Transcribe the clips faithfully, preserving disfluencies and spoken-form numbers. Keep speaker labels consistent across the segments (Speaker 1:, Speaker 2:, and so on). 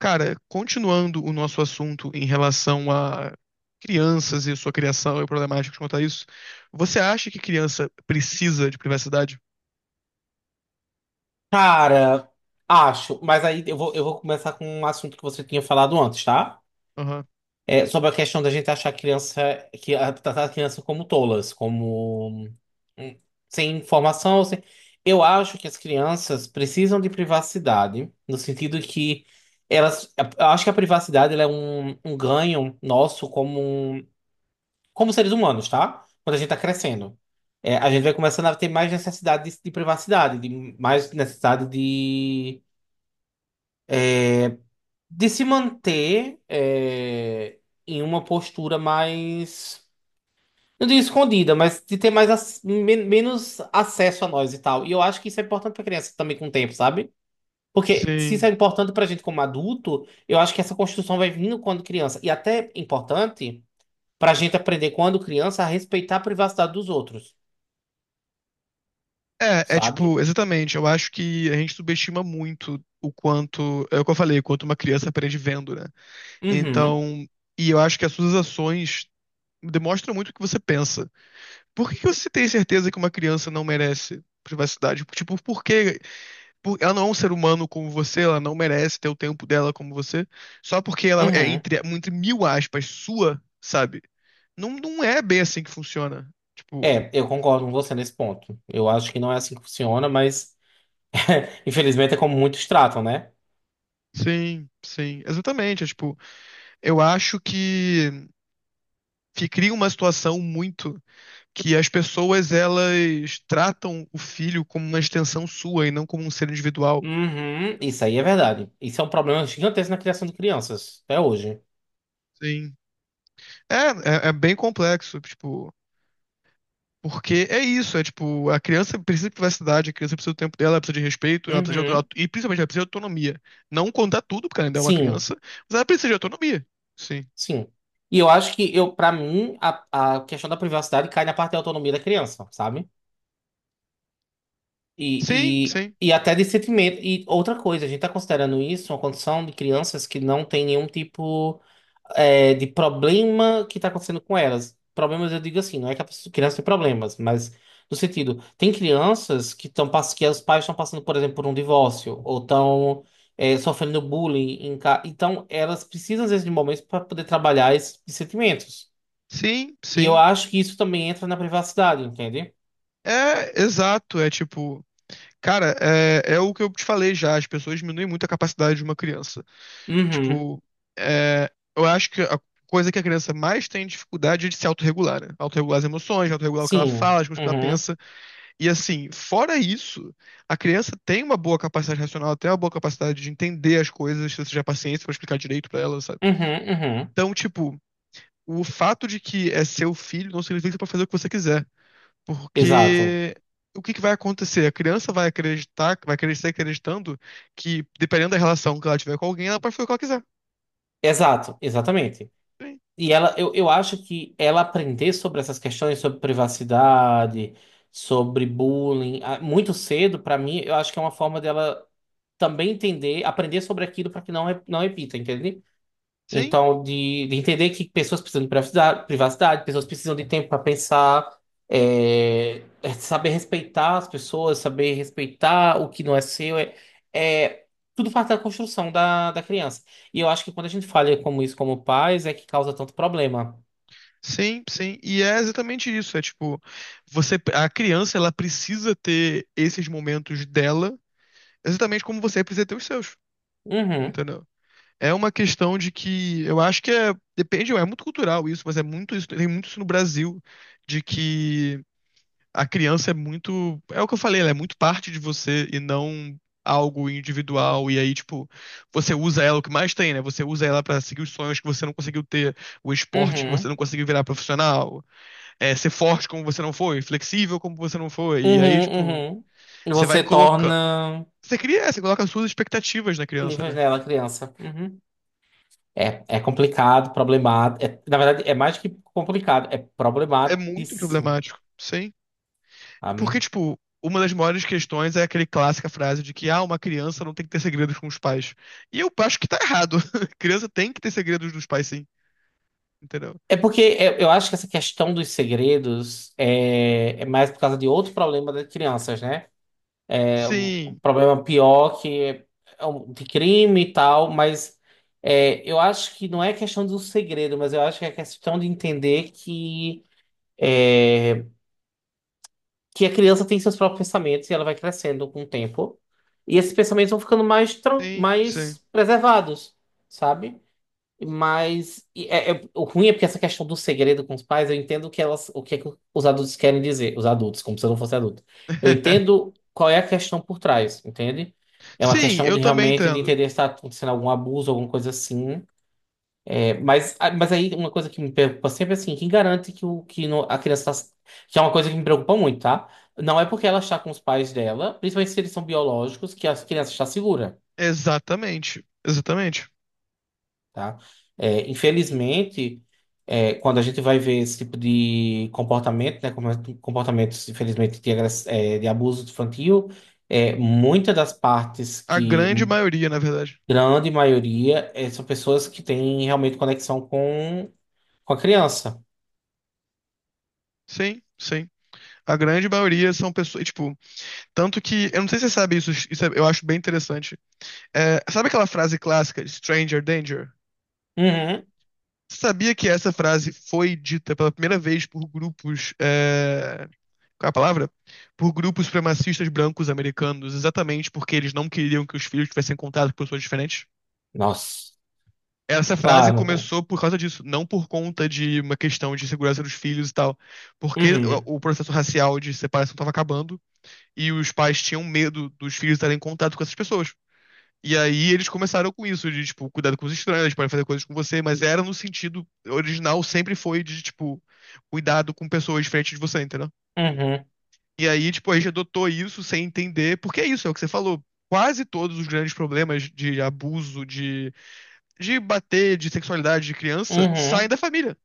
Speaker 1: Cara, continuando o nosso assunto em relação a crianças e sua criação e problemáticas quanto a isso, você acha que criança precisa de privacidade?
Speaker 2: Cara, acho, mas aí eu vou, eu vou começar com um assunto que você tinha falado antes, tá?
Speaker 1: Aham.
Speaker 2: É, sobre a questão da gente achar a criança, que a- tratar a criança como tolas, como hum, sem informação. Sem... Eu acho que as crianças precisam de privacidade, no sentido que elas, eu acho que a privacidade ela é um, um ganho nosso como, um, como seres humanos, tá? Quando a gente tá crescendo. É, a gente vai começando a ter mais necessidade de, de privacidade, de mais necessidade de de se manter é, em uma postura mais. Não digo escondida, mas de ter mais ac- men- menos acesso a nós e tal. E eu acho que isso é importante pra criança também com o tempo, sabe? Porque se isso
Speaker 1: Sim.
Speaker 2: é importante pra gente como adulto, eu acho que essa construção vai vindo quando criança. E até importante pra gente aprender quando criança a respeitar a privacidade dos outros,
Speaker 1: É, é
Speaker 2: sabe?
Speaker 1: tipo, exatamente. Eu acho que a gente subestima muito o quanto, é o que eu falei, o quanto uma criança aprende vendo, né?
Speaker 2: Uhum,
Speaker 1: Então, e eu acho que as suas ações demonstram muito o que você pensa. Por que que você tem certeza que uma criança não merece privacidade? Tipo, por quê? por- Ela não é um ser humano como você, ela não merece ter o tempo dela como você, só porque ela é
Speaker 2: uhum.
Speaker 1: entre, entre mil aspas sua, sabe? Não, não é bem assim que funciona. Tipo,
Speaker 2: É, eu concordo com você nesse ponto. Eu acho que não é assim que funciona, mas infelizmente é como muitos tratam, né?
Speaker 1: sim, sim, exatamente. É, tipo, eu acho que, que cria uma situação muito que as pessoas elas tratam o filho como uma extensão sua e não como um ser individual.
Speaker 2: Uhum, isso aí é verdade. Isso é um problema gigantesco na criação de crianças, até hoje.
Speaker 1: Sim. É, é, é bem complexo, tipo. Porque é isso, é tipo, a criança precisa de privacidade, a criança precisa do tempo dela, ela precisa de respeito, ela precisa de autonomia,
Speaker 2: Uhum,
Speaker 1: e principalmente ela precisa de autonomia. Não contar tudo, porque ela ainda é uma
Speaker 2: sim,
Speaker 1: criança, mas ela precisa de autonomia. Sim.
Speaker 2: sim. E eu acho que eu, para mim, a, a questão da privacidade cai na parte da autonomia da criança, sabe?
Speaker 1: Sim,
Speaker 2: E,
Speaker 1: sim.
Speaker 2: e, e até de sentimento. E outra coisa, a gente tá considerando isso uma condição de crianças que não tem nenhum tipo, é, de problema que está acontecendo com elas. Problemas, eu digo assim, não é que a pessoa- criança tem problemas, mas no sentido, tem crianças que estão que os pais estão passando, por exemplo, por um divórcio, ou estão, é, sofrendo bullying em casa. Então, elas precisam, às vezes, de momentos para poder trabalhar esses sentimentos.
Speaker 1: Sim,
Speaker 2: E eu
Speaker 1: sim.
Speaker 2: acho que isso também entra na privacidade, entende?
Speaker 1: É, exato, é tipo, cara, é, é o que eu te falei já, as pessoas diminuem muito a capacidade de uma criança.
Speaker 2: Uhum.
Speaker 1: Tipo, é, eu acho que a coisa que a criança mais tem dificuldade é de se autorregular, né? Autorregular as emoções, autorregular o que ela
Speaker 2: Sim.
Speaker 1: fala, as coisas que ela
Speaker 2: Uhum.
Speaker 1: pensa. E assim, fora isso, a criança tem uma boa capacidade racional, até uma boa capacidade de entender as coisas, se você tiver paciência pra explicar direito pra ela, sabe?
Speaker 2: Uhum. Uhum.
Speaker 1: Então, tipo, o fato de que é seu filho não significa que você pode fazer o que você quiser,
Speaker 2: Exato.
Speaker 1: porque o que que vai acontecer? A criança vai acreditar, vai crescer acreditando que, dependendo da relação que ela tiver com alguém, ela pode fazer o que ela quiser.
Speaker 2: Exato. Exatamente.
Speaker 1: Sim,
Speaker 2: E ela, eu, eu acho que ela aprender sobre essas questões, sobre privacidade, sobre bullying, ah, muito cedo, pra mim, eu acho que é uma forma dela também entender, aprender sobre aquilo para que não, re- não repita, entende?
Speaker 1: sim,
Speaker 2: Então, de, de entender que pessoas precisam de privacidade, privacidade, pessoas precisam de tempo para pensar, é, é saber respeitar as pessoas, saber respeitar o que não é seu, é, é tudo parte da construção da, da criança. E eu acho que quando a gente falha como isso como pais, é que causa tanto problema.
Speaker 1: sim. Sim. E é exatamente isso, é tipo, você, a criança, ela precisa ter esses momentos dela exatamente como você precisa ter os seus,
Speaker 2: Uhum,
Speaker 1: entendeu? É uma questão de que eu acho que é, depende, é muito cultural isso, mas é muito isso, tem muito isso no Brasil, de que a criança é muito, é o que eu falei, ela é muito parte de você e não algo individual, e aí, tipo, você usa ela o que mais tem, né? Você usa ela pra seguir os sonhos que você não conseguiu ter, o esporte que você
Speaker 2: uhum,
Speaker 1: não conseguiu virar profissional, é, ser forte como você não foi, flexível como você não foi, e aí,
Speaker 2: uhum,
Speaker 1: tipo,
Speaker 2: uhum. E
Speaker 1: você vai
Speaker 2: você
Speaker 1: colocando,
Speaker 2: torna
Speaker 1: você cria, você coloca as suas expectativas na criança,
Speaker 2: níveis
Speaker 1: né?
Speaker 2: dela criança. Uhum. É, é complicado, problemático. É, na verdade, é mais que complicado, é
Speaker 1: É muito
Speaker 2: problematíssimo.
Speaker 1: problemático, sim. Porque,
Speaker 2: Sabe?
Speaker 1: tipo, uma das maiores questões é aquele clássica frase de que, ah, uma criança não tem que ter segredos com os pais. E eu acho que tá errado. Criança tem que ter segredos dos pais, sim. Entendeu?
Speaker 2: É porque eu, eu acho que essa questão dos segredos é, é mais por causa de outro problema das crianças, né? Um
Speaker 1: Sim,
Speaker 2: problema pior que é, é um- de crime e tal, mas é, eu acho que não é questão do segredo, mas eu acho que é questão de entender que, é, que a criança tem seus próprios pensamentos e ela vai crescendo com o tempo. E esses pensamentos vão ficando mais, tran-
Speaker 1: sim, sim.
Speaker 2: mais preservados, sabe? Mas e é, é- o ruim é porque essa questão do segredo com os pais, eu entendo o que elas, o que, é que os adultos querem dizer, os adultos, como se eu não fosse adulto. Eu entendo qual é a questão por trás, entende? É uma
Speaker 1: Sim,
Speaker 2: questão
Speaker 1: eu
Speaker 2: de
Speaker 1: também
Speaker 2: realmente de
Speaker 1: entendo.
Speaker 2: entender se está acontecendo algum abuso, alguma coisa assim. Mas, ah, mas aí uma coisa que me preocupa sempre é assim, quem garante que, o, que no- a criança está... Que é uma coisa que me preocupa muito, tá? Não é porque ela está com os pais dela, principalmente se eles são biológicos, que a criança está segura,
Speaker 1: Exatamente, exatamente.
Speaker 2: tá? É, infelizmente, é, quando a gente vai ver esse tipo de comportamento, né? como- é, Comportamentos, infelizmente, de, agress- é, de abuso infantil, é, muitas das partes
Speaker 1: A
Speaker 2: que...
Speaker 1: grande maioria, na verdade.
Speaker 2: Grande maioria é, são pessoas que têm realmente conexão com, com a criança.
Speaker 1: Sim, sim. A grande maioria são pessoas, tipo, tanto que, eu não sei se você sabe isso, isso é- eu acho bem interessante. É, sabe aquela frase clássica, Stranger Danger?
Speaker 2: Uhum.
Speaker 1: Sabia que essa frase foi dita pela primeira vez por grupos. É... Qual é a palavra? Por grupos supremacistas brancos americanos, exatamente porque eles não queriam que os filhos tivessem contato com pessoas diferentes.
Speaker 2: Nossa.
Speaker 1: Essa frase
Speaker 2: Claro, né?
Speaker 1: começou por causa disso, não por conta de uma questão de segurança dos filhos e tal, porque
Speaker 2: Uhum,
Speaker 1: o o processo racial de separação estava acabando e os pais tinham medo dos filhos estarem em contato com essas pessoas. E aí eles começaram com isso, de, tipo, cuidado com os estranhos, eles podem fazer coisas com você, mas era no sentido original, sempre foi de, tipo, cuidado com pessoas diferentes de você, entendeu?
Speaker 2: uhum,
Speaker 1: E aí, tipo, a gente adotou isso sem entender, porque é isso, é o que você falou. Quase todos os grandes problemas de abuso, de, de bater, de sexualidade de criança, saem
Speaker 2: uhum,
Speaker 1: da família.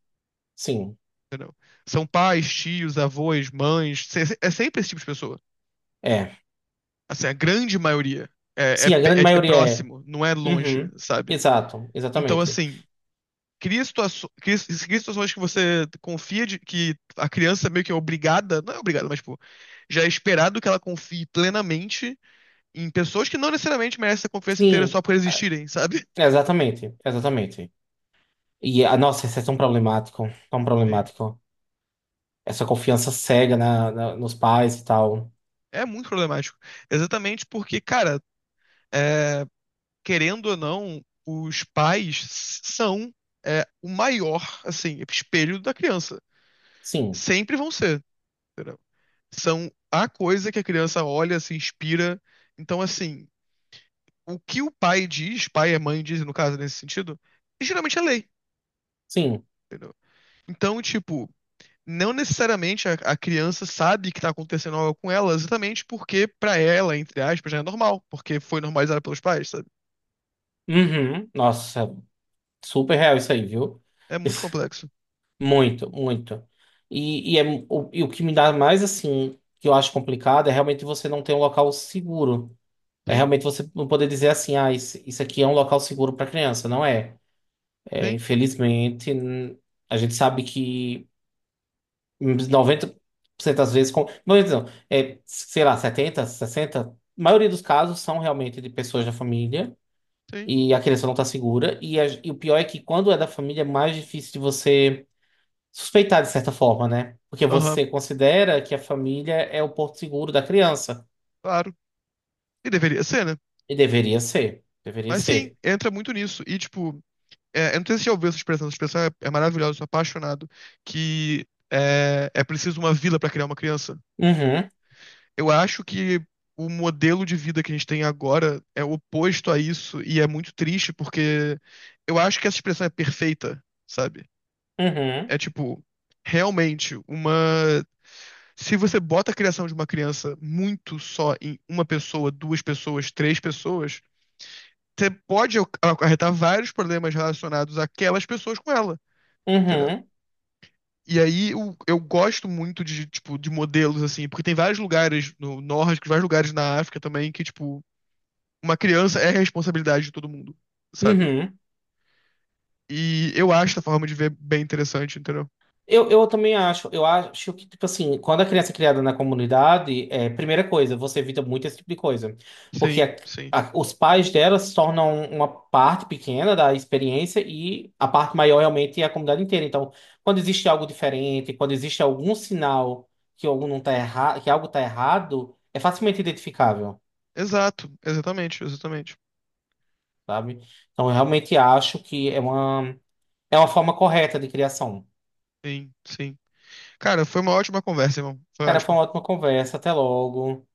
Speaker 2: sim,
Speaker 1: São pais, tios, avós, mães, se- é sempre esse tipo de pessoa.
Speaker 2: é.
Speaker 1: Assim, a grande maioria é, é,
Speaker 2: Sim, a
Speaker 1: pe- é
Speaker 2: grande
Speaker 1: é
Speaker 2: maioria é.
Speaker 1: próximo, não é longe,
Speaker 2: Uhum,
Speaker 1: sabe?
Speaker 2: exato,
Speaker 1: Então,
Speaker 2: exatamente.
Speaker 1: assim, cria, situações, cria, cria situações que você confia de, que a criança meio que é obrigada, não é obrigada, mas tipo, já é esperado que ela confie plenamente em pessoas que não necessariamente merecem a confiança inteira
Speaker 2: Sim,
Speaker 1: só por
Speaker 2: ah,
Speaker 1: existirem, sabe?
Speaker 2: exatamente, exatamente. E, ah, nossa, isso é tão problemático, tão
Speaker 1: Sim.
Speaker 2: problemático. Essa confiança cega na, na- nos pais e tal.
Speaker 1: É muito problemático. Exatamente porque, cara, é, querendo ou não, os pais s- são é, o maior, assim, espelho da criança.
Speaker 2: Sim,
Speaker 1: Sempre vão ser, entendeu? São a coisa que a criança olha, se inspira. Então, assim, o que o pai diz, pai e mãe dizem, no caso, nesse sentido, geralmente é lei,
Speaker 2: sim.
Speaker 1: entendeu? Então, tipo, não necessariamente a, a criança sabe que tá acontecendo algo com ela, exatamente porque pra ela, entre aspas, já é normal, porque foi normalizada pelos pais, sabe?
Speaker 2: Uhum, nossa, super real isso aí, viu?
Speaker 1: É muito complexo.
Speaker 2: Muito, muito. E, e, é, o, e o que me dá mais, assim, que eu acho complicado é realmente você não ter um local seguro. É
Speaker 1: Tem,
Speaker 2: realmente você não poder dizer assim, ah, isso, isso aqui é um local seguro para criança, não é. É,
Speaker 1: tem,
Speaker 2: infelizmente, n- a gente sabe que noventa por cento das vezes, com, noventa não, é, sei lá, setenta, sessenta, a maioria dos casos são realmente de pessoas da família
Speaker 1: tem.
Speaker 2: e a criança não está segura. E, a- e o pior é que quando é da família é mais difícil de você suspeitar de certa forma, né? Porque
Speaker 1: Aham,
Speaker 2: você considera que a família é o porto seguro da criança.
Speaker 1: claro. E deveria ser, né?
Speaker 2: E deveria ser, deveria
Speaker 1: Mas sim,
Speaker 2: ser.
Speaker 1: entra muito nisso. E, tipo, é, eu não sei se você já ouviu essa expressão, essa expressão é, é maravilhosa, eu sou apaixonado, que é, é preciso uma vila pra criar uma criança.
Speaker 2: Uhum,
Speaker 1: Eu acho que o modelo de vida que a gente tem agora é oposto a isso e é muito triste porque eu acho que essa expressão é perfeita, sabe?
Speaker 2: uhum,
Speaker 1: É tipo, realmente, uma. Se você bota a criação de uma criança muito só em uma pessoa, duas pessoas, três pessoas, você pode ac- acarretar vários problemas relacionados àquelas pessoas com ela, entendeu?
Speaker 2: uhum.
Speaker 1: E aí eu, eu gosto muito de, tipo, de modelos, assim, porque tem vários lugares no norte, vários lugares na África também que, tipo, uma criança é responsabilidade de todo mundo, sabe?
Speaker 2: Uhum.
Speaker 1: E eu acho essa forma de ver bem interessante, entendeu?
Speaker 2: Eu, eu também acho, eu acho que, tipo assim, quando a criança é criada na comunidade, é, primeira coisa, você evita muito esse tipo de coisa. Porque
Speaker 1: Sim,
Speaker 2: a-
Speaker 1: sim.
Speaker 2: a- os pais dela se tornam uma parte pequena da experiência e a parte maior realmente é a comunidade inteira. Então, quando existe algo diferente, quando existe algum sinal que algo não tá errado, que algo tá errado, é facilmente identificável,
Speaker 1: Exato, exatamente, exatamente.
Speaker 2: sabe? Então, eu realmente acho que é uma, é uma forma correta de criação.
Speaker 1: Sim, sim. Cara, foi uma ótima conversa, irmão. Foi
Speaker 2: Cara, foi
Speaker 1: ótimo.
Speaker 2: uma ótima conversa, até logo.